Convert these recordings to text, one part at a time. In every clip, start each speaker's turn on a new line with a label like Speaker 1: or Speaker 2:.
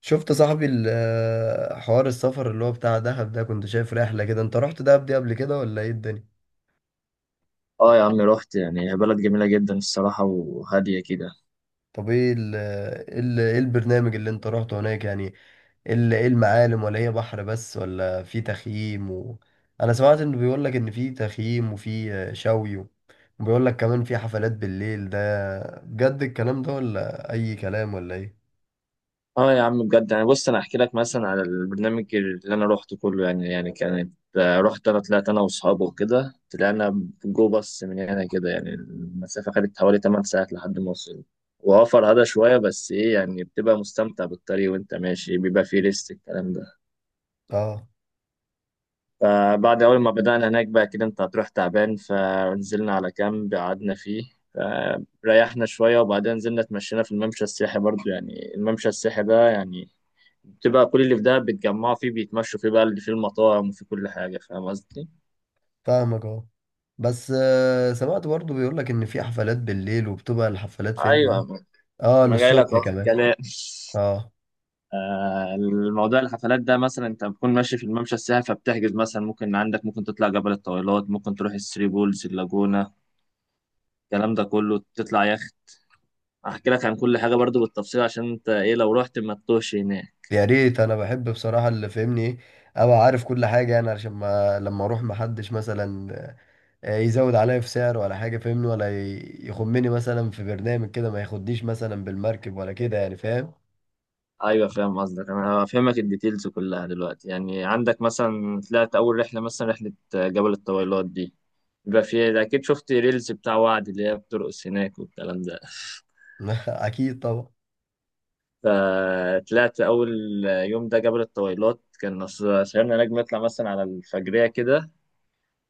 Speaker 1: شفت صاحبي حوار السفر اللي هو بتاع دهب ده، كنت شايف رحلة كده، انت رحت دهب دي قبل كده ولا ايه الدنيا؟
Speaker 2: اه يا عم رحت يعني هي بلد جميلة جدا الصراحة وهادية كده.
Speaker 1: طب ايه ايه البرنامج اللي انت رحته هناك يعني؟ ايه المعالم، ولا هي بحر بس، ولا في تخييم انا سمعت انه بيقول لك ان في تخييم وفي شوي، وبيقول لك كمان في حفلات بالليل ده، بجد الكلام ده ولا اي كلام ولا ايه؟
Speaker 2: اه يا عم بجد يعني بص انا احكي لك مثلا على البرنامج اللي انا روحته كله يعني كانت رحت انا طلعت انا واصحابي وكده طلعنا جو باص من هنا كده يعني المسافة خدت حوالي 8 ساعات لحد ما وصلنا. واه فرهدة شوية بس ايه يعني بتبقى مستمتع بالطريق وانت ماشي بيبقى فيه ريست الكلام ده.
Speaker 1: اه،
Speaker 2: فبعد أول ما بدأنا هناك بقى كده أنت هتروح تعبان فنزلنا على كامب قعدنا فيه. ريحنا شوية وبعدين نزلنا اتمشينا في الممشى السياحي برضو يعني الممشى السياحي ده يعني بتبقى كل اللي في ده بيتجمعوا فيه بيتمشوا فيه بقى اللي فيه المطاعم وفيه كل حاجة. فاهم قصدي؟
Speaker 1: فاهمك، اه. بس سمعت برضه بيقول لك ان في حفلات بالليل، وبتبقى الحفلات فين؟
Speaker 2: أيوة.
Speaker 1: اه،
Speaker 2: أنا جاي لك
Speaker 1: للصبح
Speaker 2: أهو في
Speaker 1: كمان؟
Speaker 2: الكلام
Speaker 1: اه.
Speaker 2: الموضوع الحفلات ده مثلا انت بتكون ماشي في الممشى السياحي فبتحجز مثلا ممكن عندك ممكن تطلع جبل الطويلات ممكن تروح الثري بولز اللاجونة الكلام ده كله تطلع يخت. احكي لك عن كل حاجه برضو بالتفصيل عشان انت ايه لو رحت ما تتوهش هناك.
Speaker 1: يا ريت، انا بحب بصراحة اللي فهمني ايه، ابقى عارف كل حاجة يعني، عشان ما لما اروح محدش مثلا يزود عليا في سعر ولا حاجة، فهمني، ولا يخمني مثلا في برنامج كده، ما ياخدنيش مثلا بالمركب ولا كده، يعني فاهم.
Speaker 2: ايوه فاهم قصدك. انا هفهمك الديتيلز كلها دلوقتي يعني عندك مثلا طلعت اول رحله مثلا رحله جبل الطويلات دي بيبقى فيها اكيد شفت ريلز بتاع وعد اللي هي بترقص هناك والكلام ده.
Speaker 1: اكيد طبعا.
Speaker 2: فطلعت اول يوم ده جبل الطويلات كان صغيرنا نجم نطلع مثلا على الفجريه كده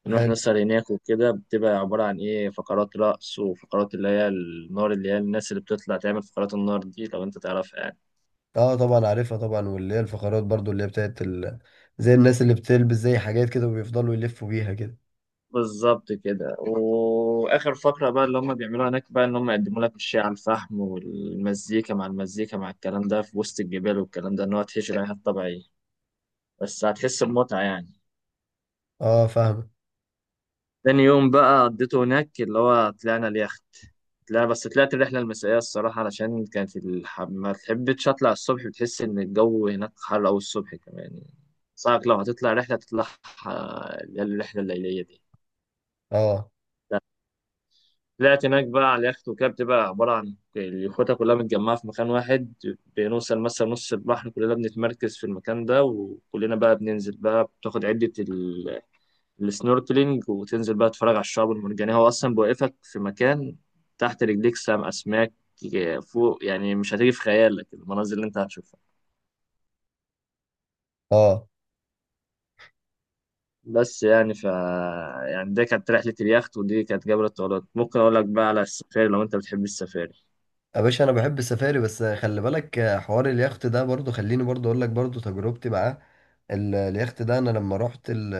Speaker 2: بنروح
Speaker 1: حلو.
Speaker 2: نسهر هناك وكده بتبقى عبارة عن إيه فقرات رقص وفقرات اللي هي النار اللي هي الناس اللي بتطلع تعمل فقرات النار دي لو أنت تعرفها يعني.
Speaker 1: اه طبعا عارفها طبعا، واللي هي الفقرات برضو اللي هي بتاعت ال... زي الناس اللي بتلبس زي حاجات كده وبيفضلوا يلفوا بيها كده.
Speaker 2: بالظبط كده وآخر فقرة بقى اللي هم بيعملوها هناك بقى إن هم يقدموا لك الشاي على الفحم والمزيكا مع المزيكا مع الكلام ده في وسط الجبال والكلام ده إن هو تهيش رحلة طبيعية بس هتحس بمتعة يعني.
Speaker 1: اه فاهم.
Speaker 2: تاني يوم بقى قضيته هناك اللي هو طلعنا اليخت. لا بس طلعت الرحلة المسائية الصراحة علشان كانت ما تحبش أطلع الصبح بتحس إن الجو هناك حر أوي الصبح كمان صعب لو هتطلع رحلة تطلع اللي هي الرحلة الليلية دي.
Speaker 1: اه
Speaker 2: لا، طلعت هناك بقى على اليخت وكده بتبقى عبارة عن اليخوتة كلها متجمعة في مكان واحد. بنوصل مثلا نص البحر كلنا بنتمركز في المكان ده وكلنا بقى بننزل بقى بتاخد عدة السنوركلينج وتنزل بقى تتفرج على الشعب المرجانية هو أصلا بيوقفك في مكان تحت رجليك سام أسماك فوق يعني مش هتيجي في خيالك المناظر اللي أنت هتشوفها.
Speaker 1: اه.
Speaker 2: بس يعني يعني ده كانت رحلة اليخت ودي كانت جبل الطويلات ممكن أقول لك بقى على السفاري لو أنت بتحب السفاري.
Speaker 1: يا باشا، انا بحب السفاري، بس خلي بالك حوار اليخت ده برضو، خليني برضو اقول لك برضو تجربتي معاه. اليخت ده، انا لما رحت ال...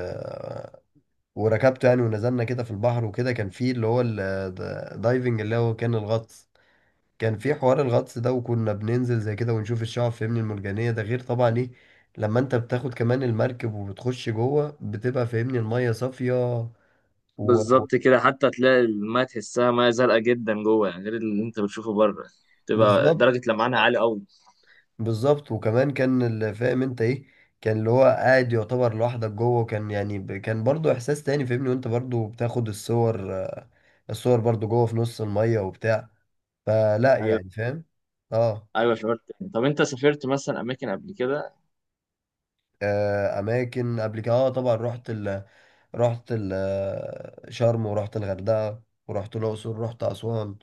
Speaker 1: وركبته يعني، ونزلنا كده في البحر وكده، كان فيه اللي هو الدايفنج، اللي هو كان الغطس، كان فيه حوار الغطس ده، وكنا بننزل زي كده ونشوف الشعاب، فاهمني، المرجانية، ده غير طبعا ايه، لما انت بتاخد كمان المركب وبتخش جوه، بتبقى، فاهمني، المية صافية و... و...
Speaker 2: بالظبط كده حتى تلاقي الماء تحسها مياه زرقاء جدا جوه يعني غير اللي أنت بتشوفه بره. تبقى
Speaker 1: بالظبط.
Speaker 2: درجة لمعانها عالية أوي.
Speaker 1: بالظبط، وكمان كان اللي فاهم انت ايه، كان اللي هو قاعد يعتبر لوحدك جوه، وكان يعني كان برضو احساس تاني، فاهمني، وانت برضو بتاخد الصور الصور برضو جوه في نص المية وبتاع، فلا
Speaker 2: أيوه.
Speaker 1: يعني فاهم. اه.
Speaker 2: أيوه شعرت. طب أنت سافرت مثلا أماكن قبل كده؟
Speaker 1: آه، اماكن قبل كده، اه طبعا، رحت ال آه، شرم، ورحت الغردقة، ورحت الاقصر، رحت اسوان،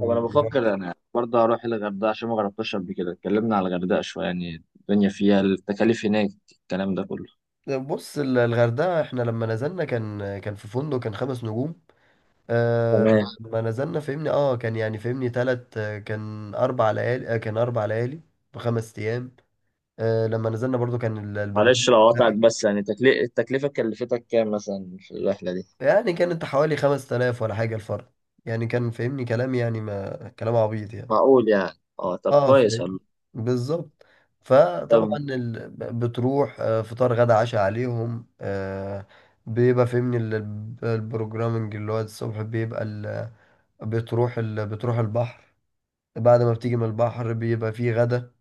Speaker 2: طب انا بفكر انا برضه اروح الغردقه عشان ما جربتهاش قبل كده. اتكلمنا على الغردقه شويه يعني الدنيا فيها التكاليف هناك الكلام ده كله.
Speaker 1: بص، الغردقة احنا لما نزلنا، كان في فندق، كان 5 نجوم. آه.
Speaker 2: تمام.
Speaker 1: لما نزلنا فهمني، اه، كان يعني، فهمني، تلت آه، كان 4 ليالي، ب5 ايام. آه، لما نزلنا برضو كان
Speaker 2: معلش
Speaker 1: البرنامج
Speaker 2: لو قطعت
Speaker 1: بتاعها،
Speaker 2: بس يعني التكلفه كلفتك كام مثلا في الرحله دي؟
Speaker 1: يعني كانت حوالي 5000 ولا حاجة الفرد، يعني كان فهمني كلام، يعني ما كلام عبيط يعني.
Speaker 2: معقول يعني اه. طب
Speaker 1: اه
Speaker 2: كويس
Speaker 1: فاهم.
Speaker 2: والله.
Speaker 1: بالظبط. فطبعا
Speaker 2: طب
Speaker 1: ال... بتروح فطار غدا عشاء عليهم بيبقى فهمني البروجرامنج، اللي هو الصبح بيبقى ال... بتروح البحر، بعد ما بتيجي من البحر بيبقى فيه غدا،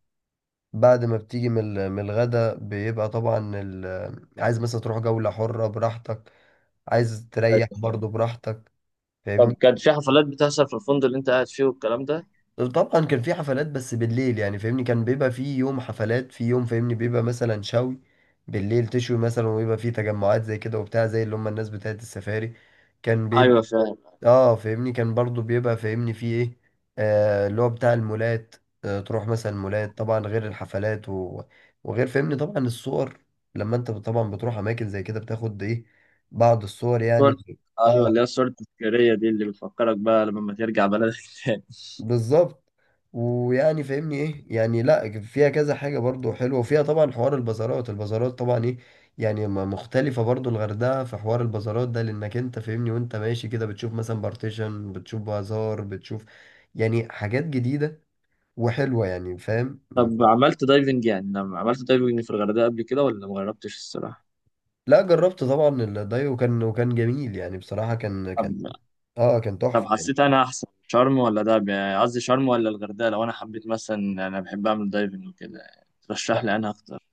Speaker 1: بعد ما بتيجي من من الغدا، بيبقى طبعا عايز مثلا تروح جولة حرة براحتك، عايز تريح
Speaker 2: أيوة.
Speaker 1: برضه براحتك، فاهمني.
Speaker 2: طب كان في حفلات بتحصل في الفندق اللي انت قاعد فيه والكلام ده؟
Speaker 1: طبعا كان في حفلات بس بالليل، يعني فاهمني كان بيبقى في يوم حفلات في يوم، فاهمني، بيبقى مثلا شوي بالليل تشوي مثلا، ويبقى في تجمعات زي كده وبتاع، زي اللي هم الناس بتاعت السفاري كان بيبقى.
Speaker 2: ايوه فعلا.
Speaker 1: اه، فاهمني كان برضو بيبقى فاهمني فيه ايه، آه، اللي هو بتاع المولات، آه تروح مثلا مولات، طبعا غير الحفلات وغير، فاهمني، طبعا الصور، لما انت طبعا بتروح اماكن زي كده بتاخد ايه، بعض الصور
Speaker 2: صور.
Speaker 1: يعني.
Speaker 2: ايوه
Speaker 1: اه.
Speaker 2: اللي هي الصور التذكاريه دي اللي بتفكرك بقى لما ترجع بلدك تاني.
Speaker 1: بالظبط. ويعني فاهمني ايه يعني، لا فيها كذا حاجه برضو حلوه، وفيها طبعا حوار البازارات، البازارات طبعا ايه، يعني مختلفه برضو، الغردقه في حوار البازارات ده، لانك انت فاهمني، وانت ماشي كده بتشوف مثلا بارتيشن، بتشوف بازار، بتشوف يعني حاجات جديده وحلوه، يعني فاهم.
Speaker 2: طب عملت دايفنج يعني لما عملت دايفنج في الغردقه قبل كده ولا ما جربتش الصراحه؟
Speaker 1: لا، جربت طبعا الداي، وكان جميل يعني، بصراحه كان
Speaker 2: طب
Speaker 1: تحفه
Speaker 2: حسيت
Speaker 1: يعني.
Speaker 2: انا احسن شرم ولا دهب يعني قصدي شرم ولا الغردقه لو انا حبيت مثلا انا بحب اعمل دايفنج وكده ترشح لي انا اكتر؟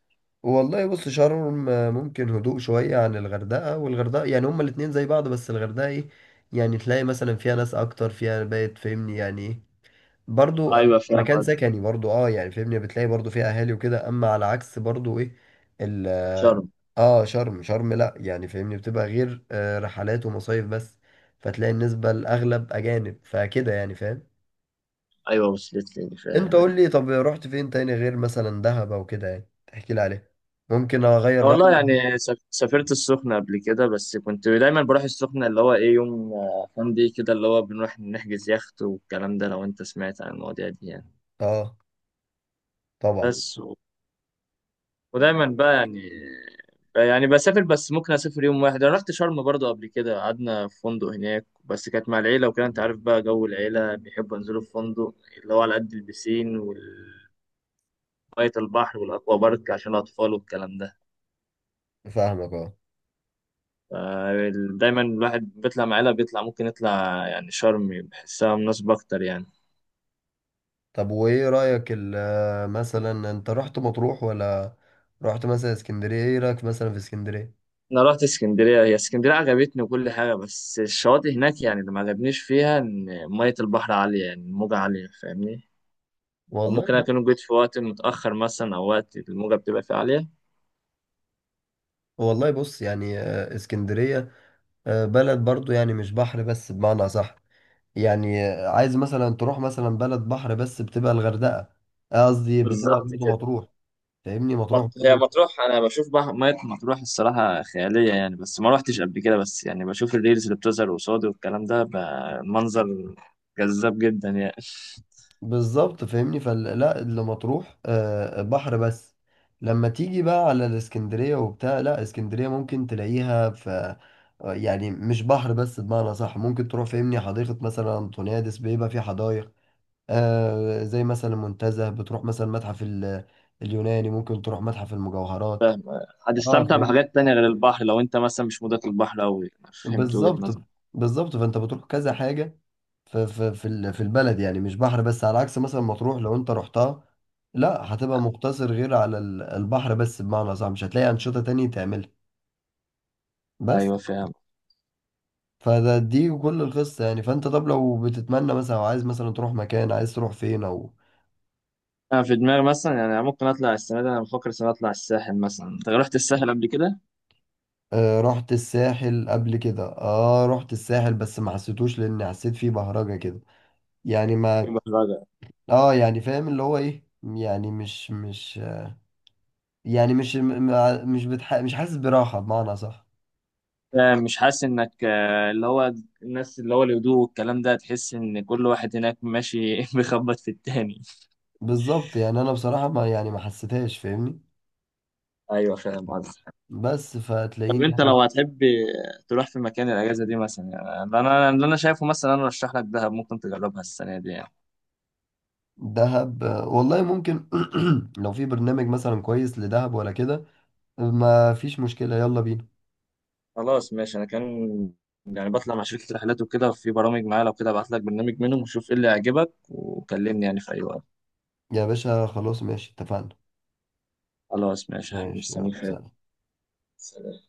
Speaker 1: والله بص، شرم ممكن هدوء شوية عن الغردقة، والغردقة يعني، هما الاتنين زي بعض، بس الغردقة ايه، يعني تلاقي مثلا فيها ناس أكتر، فيها بقت، فاهمني، يعني ايه، برضو
Speaker 2: ايوه فاهم
Speaker 1: مكان سكني
Speaker 2: قصدك.
Speaker 1: برضو، اه يعني فاهمني بتلاقي برضو فيها أهالي وكده، أما على عكس برضو ايه، ال،
Speaker 2: شرم.
Speaker 1: اه، شرم شرم لأ، يعني فاهمني بتبقى غير رحلات ومصايف بس، فتلاقي النسبة الأغلب أجانب، فكده يعني فاهم.
Speaker 2: ايوه وصلت لي
Speaker 1: انت
Speaker 2: فاهم
Speaker 1: قول
Speaker 2: ايوه.
Speaker 1: لي، طب رحت فين تاني غير مثلا دهب أو كده، يعني تحكي لي عليه، ممكن اغير
Speaker 2: والله
Speaker 1: رايي.
Speaker 2: يعني سافرت السخنة قبل كده بس كنت دايما بروح السخنة اللي هو ايه يوم فان دي كده اللي هو بنروح نحجز يخت والكلام ده لو انت سمعت عن المواضيع دي يعني.
Speaker 1: اه طبعا.
Speaker 2: بس ودايما بقى يعني بسافر بس ممكن اسافر يوم واحد. انا رحت شرم برضو قبل كده قعدنا في فندق هناك بس كانت مع العيله وكده انت عارف بقى جو العيله بيحبوا ينزلوا في فندق اللي هو على قد البسين وميه البحر والاكوا بارك عشان الاطفال والكلام ده.
Speaker 1: فاهمك اه.
Speaker 2: ف- دايما الواحد بيطلع مع العيله بيطلع ممكن يطلع يعني شرم بحسها مناسبه اكتر يعني.
Speaker 1: طب وايه رأيك مثلا انت رحت مطروح، ولا رحت مثلا اسكندرية، ايه رأيك مثلا في اسكندرية؟
Speaker 2: انا رحت اسكندريه هي اسكندريه عجبتني وكل حاجه بس الشواطئ هناك يعني اللي ما عجبنيش فيها ان ميه البحر عاليه يعني الموجه عاليه فاهمني.
Speaker 1: والله
Speaker 2: وممكن
Speaker 1: بص.
Speaker 2: أكون جيت في وقت متأخر مثلا أو وقت الموجة بتبقى فيه عالية.
Speaker 1: والله بص يعني، اسكندرية بلد برضو يعني مش بحر بس بمعنى صح، يعني عايز مثلا تروح مثلا بلد بحر بس بتبقى الغردقة، قصدي بتبقى
Speaker 2: بالظبط
Speaker 1: برضو
Speaker 2: كده.
Speaker 1: مطروح، فاهمني، مطروح
Speaker 2: هي
Speaker 1: برضو.
Speaker 2: مطروح أنا بشوف بقى مية مطروح الصراحة خيالية يعني بس ما روحتش قبل كده بس يعني بشوف الريلز اللي بتظهر قصادي والكلام ده بقى منظر جذاب جدا يعني.
Speaker 1: بالظبط، فاهمني، فلا اللي مطروح بحر بس، لما تيجي بقى على الاسكندرية وبتاع، لا اسكندرية ممكن تلاقيها في يعني مش بحر بس بمعنى صح، ممكن تروح فاهمني حديقة مثلا أنطونيادس، بيبقى في حدائق زي مثلا المنتزه، بتروح مثلا متحف اليوناني، ممكن تروح متحف المجوهرات. اه
Speaker 2: هتستمتع
Speaker 1: فاهم.
Speaker 2: بحاجات تانية غير البحر لو أنت مثلا مش مودك البحر أوي. فهمت وجهة
Speaker 1: بالظبط.
Speaker 2: نظري؟
Speaker 1: بالظبط، فانت بتروح كذا حاجة في في البلد، يعني مش بحر بس على عكس مثلا مطروح لو انت رحتها، لا، هتبقى مقتصر غير على البحر بس بمعنى صح، مش هتلاقي أنشطة تانية تعملها بس.
Speaker 2: أيوه فاهم.
Speaker 1: دي كل القصة يعني، فانت طب لو بتتمنى مثلا، او عايز مثلا تروح مكان، عايز تروح فين، او
Speaker 2: أنا في دماغي مثلا يعني ممكن أطلع السنة دي. أنا بفكر السنة دي أطلع الساحل مثلا. أنت رحت الساحل قبل كده؟
Speaker 1: آه رحت الساحل قبل كده، اه رحت الساحل بس ما حسيتوش، لان حسيت فيه بهرجة كده، يعني ما
Speaker 2: يبقى
Speaker 1: اه يعني فاهم اللي هو ايه يعني مش، يعني مش م- مش بتح... مش حاسس براحة بمعنى صح.
Speaker 2: مش حاسس انك اللي هو الناس اللي هو الهدوء والكلام ده تحس ان كل واحد هناك ماشي بيخبط في التاني.
Speaker 1: بالظبط يعني انا بصراحه ما، يعني، ما حسيتهاش، فاهمني،
Speaker 2: ايوه فاهم قصدك.
Speaker 1: بس
Speaker 2: طب
Speaker 1: فتلاقيني
Speaker 2: انت
Speaker 1: يعني.
Speaker 2: لو هتحب تروح في مكان الاجازه دي مثلا يعني اللي انا شايفه مثلا انا ارشح لك دهب ممكن تجربها السنه دي يعني.
Speaker 1: دهب والله ممكن. لو في برنامج مثلا كويس لدهب ولا كده، ما فيش مشكله، يلا بينا.
Speaker 2: خلاص ماشي. انا كان يعني بطلع مع شركه رحلات وكده في برامج معايا لو كده ابعت لك برنامج منهم وشوف ايه اللي يعجبك وكلمني يعني في اي وقت.
Speaker 1: يا باشا خلاص ماشي، اتفقنا.
Speaker 2: خلاص ماشي يا حبيبي
Speaker 1: ماشي،
Speaker 2: مستنيك
Speaker 1: يلا
Speaker 2: في أي وقت.
Speaker 1: سلام.
Speaker 2: سلام.